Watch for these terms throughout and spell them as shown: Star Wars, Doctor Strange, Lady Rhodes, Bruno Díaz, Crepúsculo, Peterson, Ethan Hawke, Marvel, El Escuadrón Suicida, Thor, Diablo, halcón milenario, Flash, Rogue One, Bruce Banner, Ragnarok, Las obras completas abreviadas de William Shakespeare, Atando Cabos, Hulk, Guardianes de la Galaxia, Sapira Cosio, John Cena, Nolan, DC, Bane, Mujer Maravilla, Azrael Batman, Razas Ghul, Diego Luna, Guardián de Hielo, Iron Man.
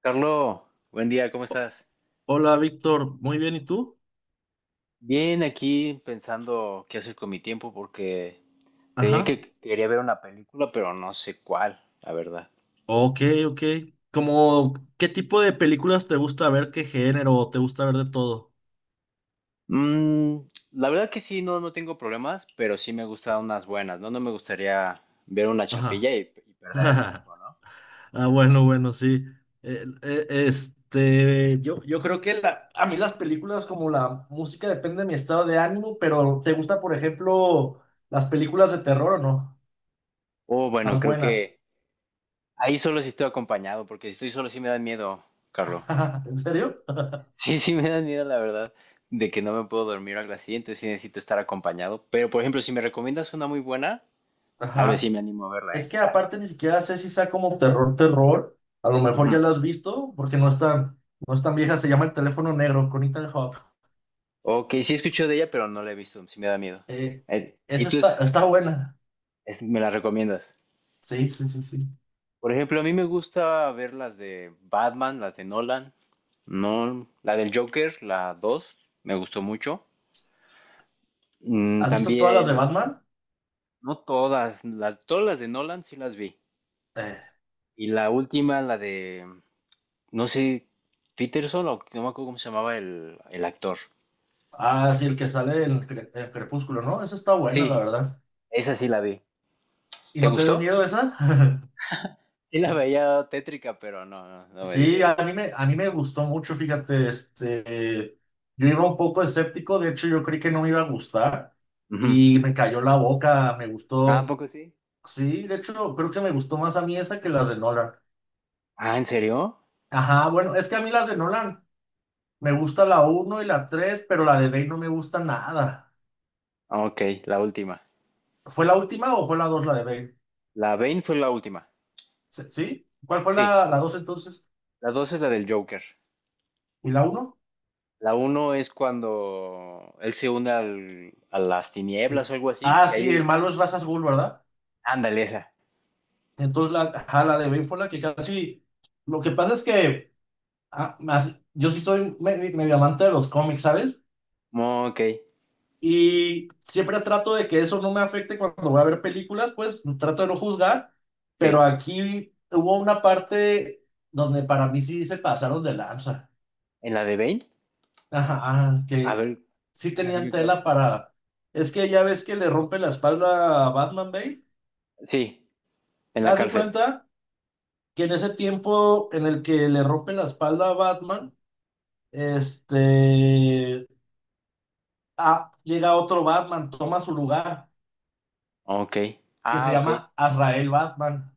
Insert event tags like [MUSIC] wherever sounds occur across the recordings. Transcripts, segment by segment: Carlos, buen día, ¿cómo estás? Hola, Víctor. Muy bien, ¿y tú? Bien, aquí pensando qué hacer con mi tiempo porque te diría Ajá. que quería ver una película, pero no sé cuál, la verdad. Ok, ok. Como, ¿qué tipo de películas te gusta ver? ¿Qué género? ¿Te gusta ver de todo? Mm, la verdad que sí, no, no tengo problemas, pero sí me gustan unas buenas, ¿no? No me gustaría ver una chafilla Ajá. y perder el [LAUGHS] tiempo, ¿no? Ah, bueno, bueno, sí. Yo creo que a mí las películas como la música depende de mi estado de ánimo, pero ¿te gusta, por ejemplo, las películas de terror o no? O bueno, Las creo buenas. que ahí solo si estoy acompañado, porque si estoy solo sí me da miedo, Carlos. [LAUGHS] [LAUGHS] ¿En serio? [LAUGHS] Sí, sí me da miedo, la verdad, de que no me puedo dormir o algo así, entonces sí necesito estar acompañado. Pero, por ejemplo, si me recomiendas una muy buena. Tal vez sí Ajá. me animo a verla, Es ¿eh? que Así. aparte ni siquiera sé si sea como terror, terror. A lo mejor Ujú. ya lo has visto, porque no es tan vieja. Se llama El teléfono negro con Ethan Hawke. Ok, sí escucho de ella, pero no la he visto, sí me da miedo. Eh, ¿y esa tú es- está buena. es- me la recomiendas? Sí, sí, sí, sí. Por ejemplo, a mí me gusta ver las de Batman, las de Nolan, no, la del Joker, la 2 me gustó mucho. ¿Has visto todas las de También, Batman? no todas, todas las de Nolan sí las vi. Eh, Y la última, la de, no sé, Peterson o no me acuerdo cómo se llamaba el actor. ah, sí, el que sale en en Crepúsculo, ¿no? Esa está Sí, buena, la verdad. esa sí la vi. ¿Y ¿Te no te dio gustó? miedo esa? [LAUGHS] Sí la veía tétrica, pero no, no, no me dio Sí, miedo. A mí me gustó mucho, fíjate, este, yo iba un poco escéptico, de hecho yo creí que no me iba a gustar Ujú. y me cayó la boca, me Ah, ¿a gustó. poco sí? Sí, de hecho, creo que me gustó más a mí esa que las de Nolan. Ah, ¿en serio? Ajá, bueno, es que a mí las de Nolan me gusta la uno y la tres, pero la de Bane no me gusta nada. Ah, ok, la última. ¿Fue la última o fue la dos la de Bane? La Bane fue la última. ¿Sí? ¿Cuál fue Sí. La 2 entonces? La dos es la del Joker. ¿Y la uno? La uno es cuando él se une al, a las tinieblas Sí. o algo así. Ah, Que sí, el hay... malo es Razas Ghul, ¿verdad? Ándale, esa. Entonces la, ajá, la de Bane fue la que casi... Lo que pasa es que ah, yo sí soy medio amante de los cómics, ¿sabes? Mm, ok, Y siempre trato de que eso no me afecte cuando voy a ver películas, pues trato de no juzgar, pero sí. aquí hubo una parte donde para mí sí se pasaron de lanza. ¿En la de Bane? Ajá, ajá, A que ver, que sí ajá, tenían dime cuál. tela para... Es que ya ves que le rompe la espalda a Batman Bale. Sí, en la Haz de cárcel. cuenta que en ese tiempo en el que le rompe la espalda a Batman, este... ah, llega otro Batman, toma su lugar, Oh, ok. que Ah, se ok. llama Azrael Batman.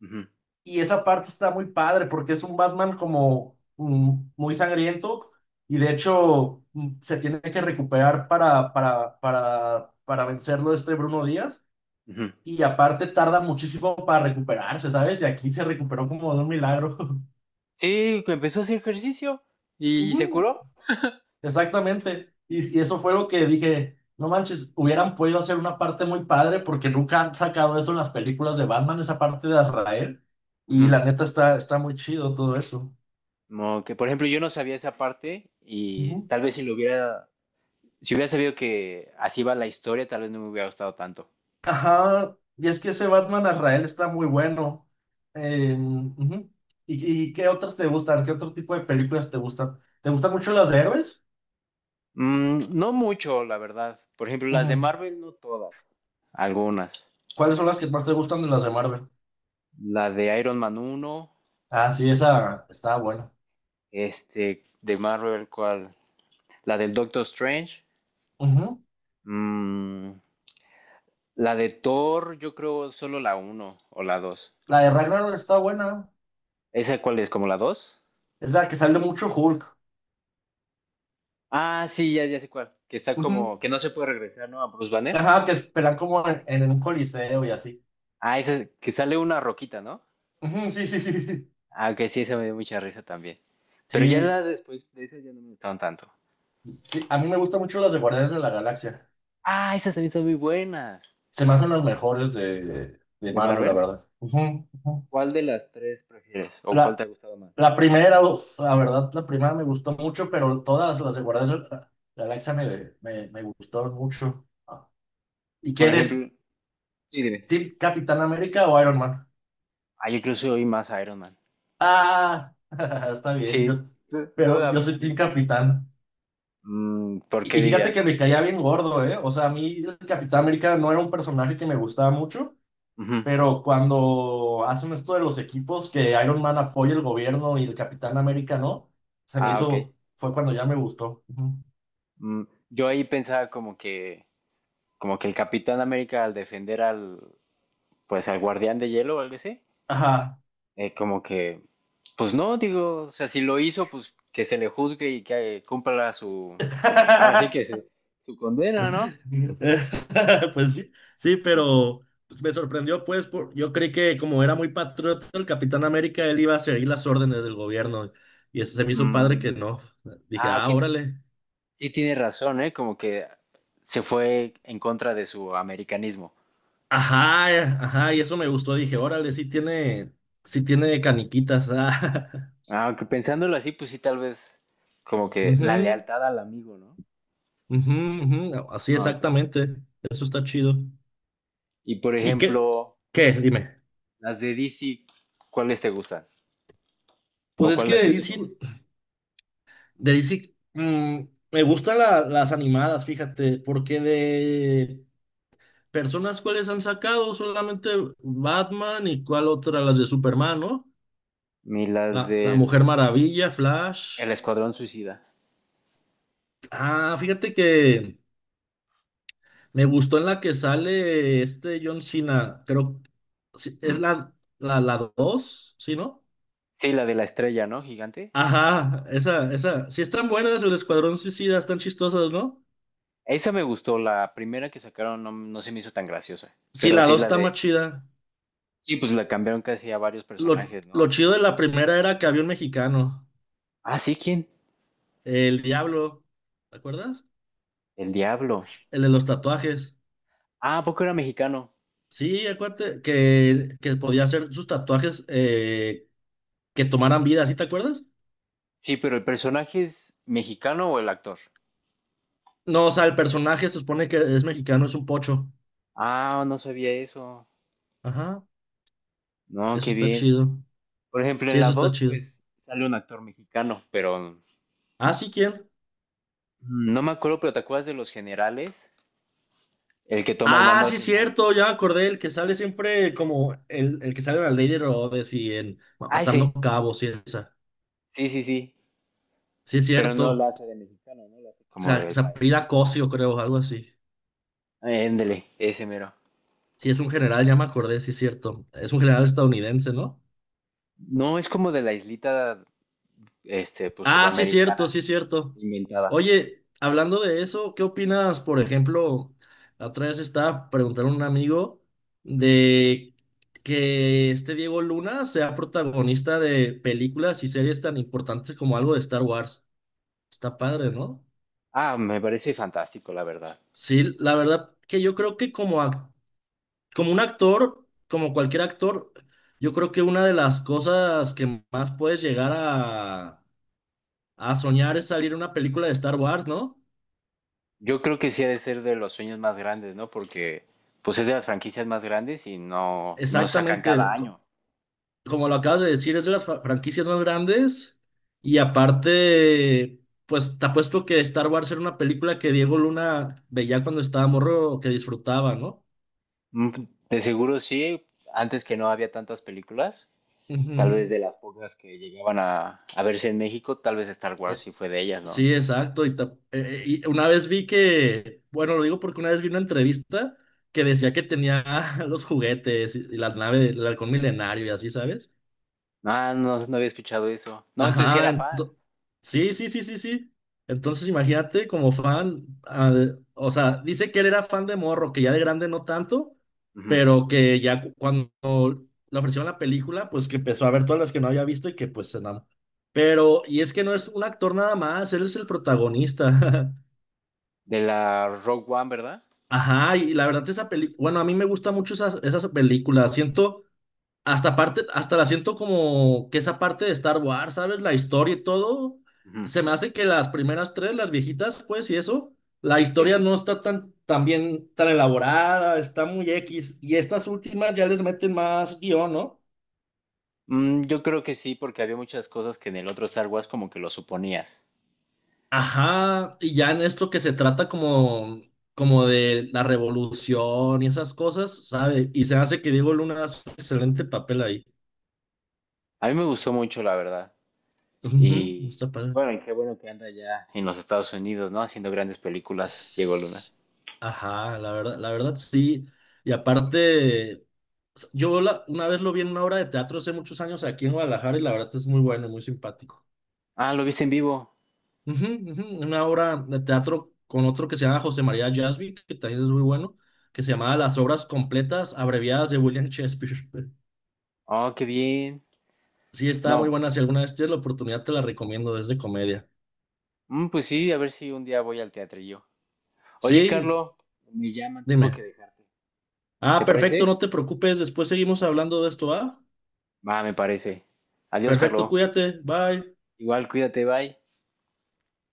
Ujú, Y esa parte está muy padre porque es un Batman como mm, muy sangriento y de hecho mm, se tiene que recuperar para vencerlo este Bruno Díaz. ujú. Y aparte tarda muchísimo para recuperarse, ¿sabes? Y aquí se recuperó como de un milagro. [LAUGHS] Sí, que empezó a hacer ejercicio y se Ujú, curó. exactamente. Y eso fue lo que dije, no manches, hubieran podido hacer una parte muy padre porque nunca han sacado eso en las películas de Batman, esa parte de Azrael. Y Ujú. la neta está muy chido todo eso. Como que, por ejemplo, yo no sabía esa parte y Ujú. tal vez si hubiera sabido que así va la historia, tal vez no me hubiera gustado tanto. Ajá, y es que ese Batman Azrael está muy bueno. Ujú. Y qué otras te gustan? ¿Qué otro tipo de películas te gustan? ¿Te gustan mucho las de héroes? No mucho, la verdad. Por ejemplo, las de Ujú. Marvel, no todas, algunas. ¿Cuáles son las que más te gustan de las de Marvel? La de Iron Man uno Ah, sí, esa está buena. este, de Marvel, ¿cuál? La del Doctor Strange, Ujú. mm, la de Thor, yo creo solo la uno o la dos. La de Ragnarok está buena. ¿Esa cuál es? ¿Como la dos? Es la que sale mucho Hulk. Ah, sí, ya, ya sé cuál. Que está Ujú. como, que no se puede regresar, ¿no? A Bruce Banner. Ajá, que esperan como en un coliseo y así. Ah, ese que sale una roquita, ¿no? Ujú, sí, sí, sí. [LAUGHS] Ah, ok, sí, esa me dio mucha risa también. Pero ya Sí, la después de esas ya no me gustaron tanto. sí, a mí me gustan mucho las de Guardianes de la Galaxia. Ah, esas también son muy buenas. Se me hacen las mejores de ¿De Marvel, la Marvel? verdad. Ujú, ujú. ¿Cuál de las tres prefieres? ¿O La, cuál te ha gustado más? la primera, uf, la verdad, la primera me gustó mucho, pero todas las de Guardianes de la Galaxia me gustaron mucho. Ah, ¿y Por qué eres? ejemplo, sí, dime. ¿Team Capitán América o Iron Man? Ah, yo creo que soy más Iron Man. Ah, [LAUGHS] está bien, Sí, yo, ¿tú, tú de pero yo soy Team América? Capitán. ¿Por qué Y fíjate que dirías? me caía bien gordo, ¿eh? O sea, a mí el Capitán América no era un personaje que me gustaba mucho, Ujú. pero cuando hacen esto de los equipos que Iron Man apoya el gobierno y el Capitán América no, se me Ah, ok. hizo, fue cuando ya me gustó. Ujú. Mm, yo ahí pensaba como que el Capitán América al defender al, pues al Guardián de Hielo o algo así, Ajá. Como que, pues no, digo, o sea, si lo hizo, pues que se le juzgue y que cumpla su, ahora sí que [LAUGHS] su condena, ¿no? [LAUGHS] Pues sí, sí, Eh, pero pues, me sorprendió, pues, por, yo creí que como era muy patriota el Capitán América, él iba a seguir las órdenes del gobierno y eso se me hizo padre mm, que no. Dije, ok, ah, órale. sí tiene razón, ¿eh? Como que se fue en contra de su americanismo. Ajá, ajá, y eso me gustó. Dije, órale, sí tiene caniquitas. Ah. Aunque pensándolo así, pues sí, tal vez como [LAUGHS] que la Ujú, lealtad al amigo, ¿no? ujú, ujú, así Ah, ok. exactamente. Eso está chido. Y por ¿Y qué? ejemplo, ¿Qué? Dime. las de DC, ¿cuáles te gustan? Pues ¿O es cuál que ha de sido tu DC, favorita? de DC, mm, me gustan las animadas, fíjate, porque de personas cuáles han sacado solamente Batman y cuál otra, las de Superman, ¿no? Las La del Mujer Maravilla, Flash. El Escuadrón Suicida. Ah, fíjate que me gustó en la que sale este John Cena, creo, sí, es Mm. La dos, ¿sí, no? Sí, la de la estrella, ¿no? Gigante. Ajá, esa, sí están buenas, el Escuadrón Suicida, están chistosas, ¿no? Esa me gustó, la primera que sacaron no, no se me hizo tan graciosa. Sí, Pero la sí, 2 la está más de. chida. Sí, pues la cambiaron casi a varios personajes, Lo ¿no? chido de la primera era que había un mexicano, Ah, sí, ¿quién? el Diablo, ¿te acuerdas? El diablo. El de los tatuajes. Ah, ¿a poco era mexicano? Sí, acuérdate que podía hacer sus tatuajes que tomaran vida, ¿sí te acuerdas? Sí, pero el personaje es mexicano o el actor. No, o sea, el personaje se supone que es mexicano, es un pocho. Ah, no sabía eso. Ajá, No, eso qué está bien. chido. Por ejemplo, Sí, en eso la está 2, chido. pues sale un actor mexicano, pero Ah, sí, ¿quién? no me acuerdo, pero ¿te acuerdas de los generales? El que toma el Ah, mando al sí, final. cierto, ya me acordé, el que sale siempre como el que sale en la Lady Rhodes y en bueno, Ah, sí, Atando Cabos y esa. sí, sí, sí. Sí, es Pero no cierto. la hace de mexicano, ¿no? La hace como del país. Sapira Cosio, creo, algo así. Éndele, ese mero. Sí, es un general, ya me acordé, sí es cierto. Es un general estadounidense, ¿no? No, es como de la islita, este, pues Ah, sí es cierto, sudamericana, sí es cierto. inventada. Oye, hablando de eso, ¿qué opinas, por ejemplo, la otra vez estaba preguntando a un amigo de que este Diego Luna sea protagonista de películas y series tan importantes como algo de Star Wars? Está padre, ¿no? Ah, me parece fantástico, la verdad. Sí, la verdad que yo creo que como, como un actor, como cualquier actor, yo creo que una de las cosas que más puedes llegar a soñar es salir en una película de Star Wars, ¿no? Yo creo que sí ha de ser de los sueños más grandes, ¿no? Porque, pues es de las franquicias más grandes y no, no sacan cada Exactamente, año. como lo acabas de decir, es de las franquicias más grandes y aparte, pues te apuesto que Star Wars era una película que Diego Luna veía cuando estaba morro, que disfrutaba, ¿no? Mm, De seguro sí, antes que no había tantas películas, tal Ujú. vez de las pocas que llegaban a verse en México, tal vez Star Wars sí fue de ellas, ¿no? Sí, exacto. Y, y una vez vi que, bueno, lo digo porque una vez vi una entrevista que decía que tenía [LAUGHS] los juguetes y la nave del halcón milenario y así, ¿sabes? Ah, no, no había escuchado eso. No, entonces sí Ajá, era fan. Sí, sí, sí, sí, sí. Entonces imagínate como fan, ah, o sea, dice que él era fan de morro, que ya de grande no tanto, Ujú. pero que ya cuando le ofrecieron la película, pues que empezó a ver todas las que no había visto y que pues se enamoró. Pero, y es que no es un actor nada más, él es el protagonista. [LAUGHS] De la Rogue One, ¿verdad? Ajá, y la verdad esa película, bueno, a mí me gusta mucho esas, esas películas, siento, hasta parte, hasta la siento como que esa parte de Star Wars, ¿sabes? La historia y todo, Ujú. se me hace que las primeras tres, las viejitas, pues, y eso, la historia Sí. no está tan, tan bien, tan elaborada, está muy X, y estas últimas ya les meten más guión, ¿no? Yo creo que sí, porque había muchas cosas que en el otro Star Wars como que lo suponías. Ajá, y ya en esto que se trata como, como de la revolución y esas cosas, sabe y se hace que Diego Luna hace un excelente papel ahí. A mí me gustó mucho, la verdad. Ujú, Y, está y padre. bueno, y qué bueno que anda ya en los Estados Unidos, ¿no? Haciendo grandes películas, Diego Luna. S- Ajá, la verdad sí. Y aparte, una vez lo vi en una obra de teatro hace muchos años aquí en Guadalajara y la verdad es muy bueno, y muy simpático. Ah, ¿lo viste en vivo? Ujú, ujú, una obra de teatro con otro que se llama José María Jasby, que también es muy bueno, que se llamaba Las obras completas abreviadas de William Shakespeare. [LAUGHS] Oh, qué bien. Sí, está muy No, buena. Si alguna vez tienes la oportunidad, te la recomiendo, es de comedia. Pues sí, a ver si un día voy al teatrillo. Oye, Sí, Carlo, me llaman, tengo que dime. dejarte. Ah, ¿Te perfecto, no parece? te preocupes. Después seguimos hablando de esto, ¿ah? Va, me parece. Adiós, Perfecto, Carlo. cuídate, bye. Igual, cuídate, bye.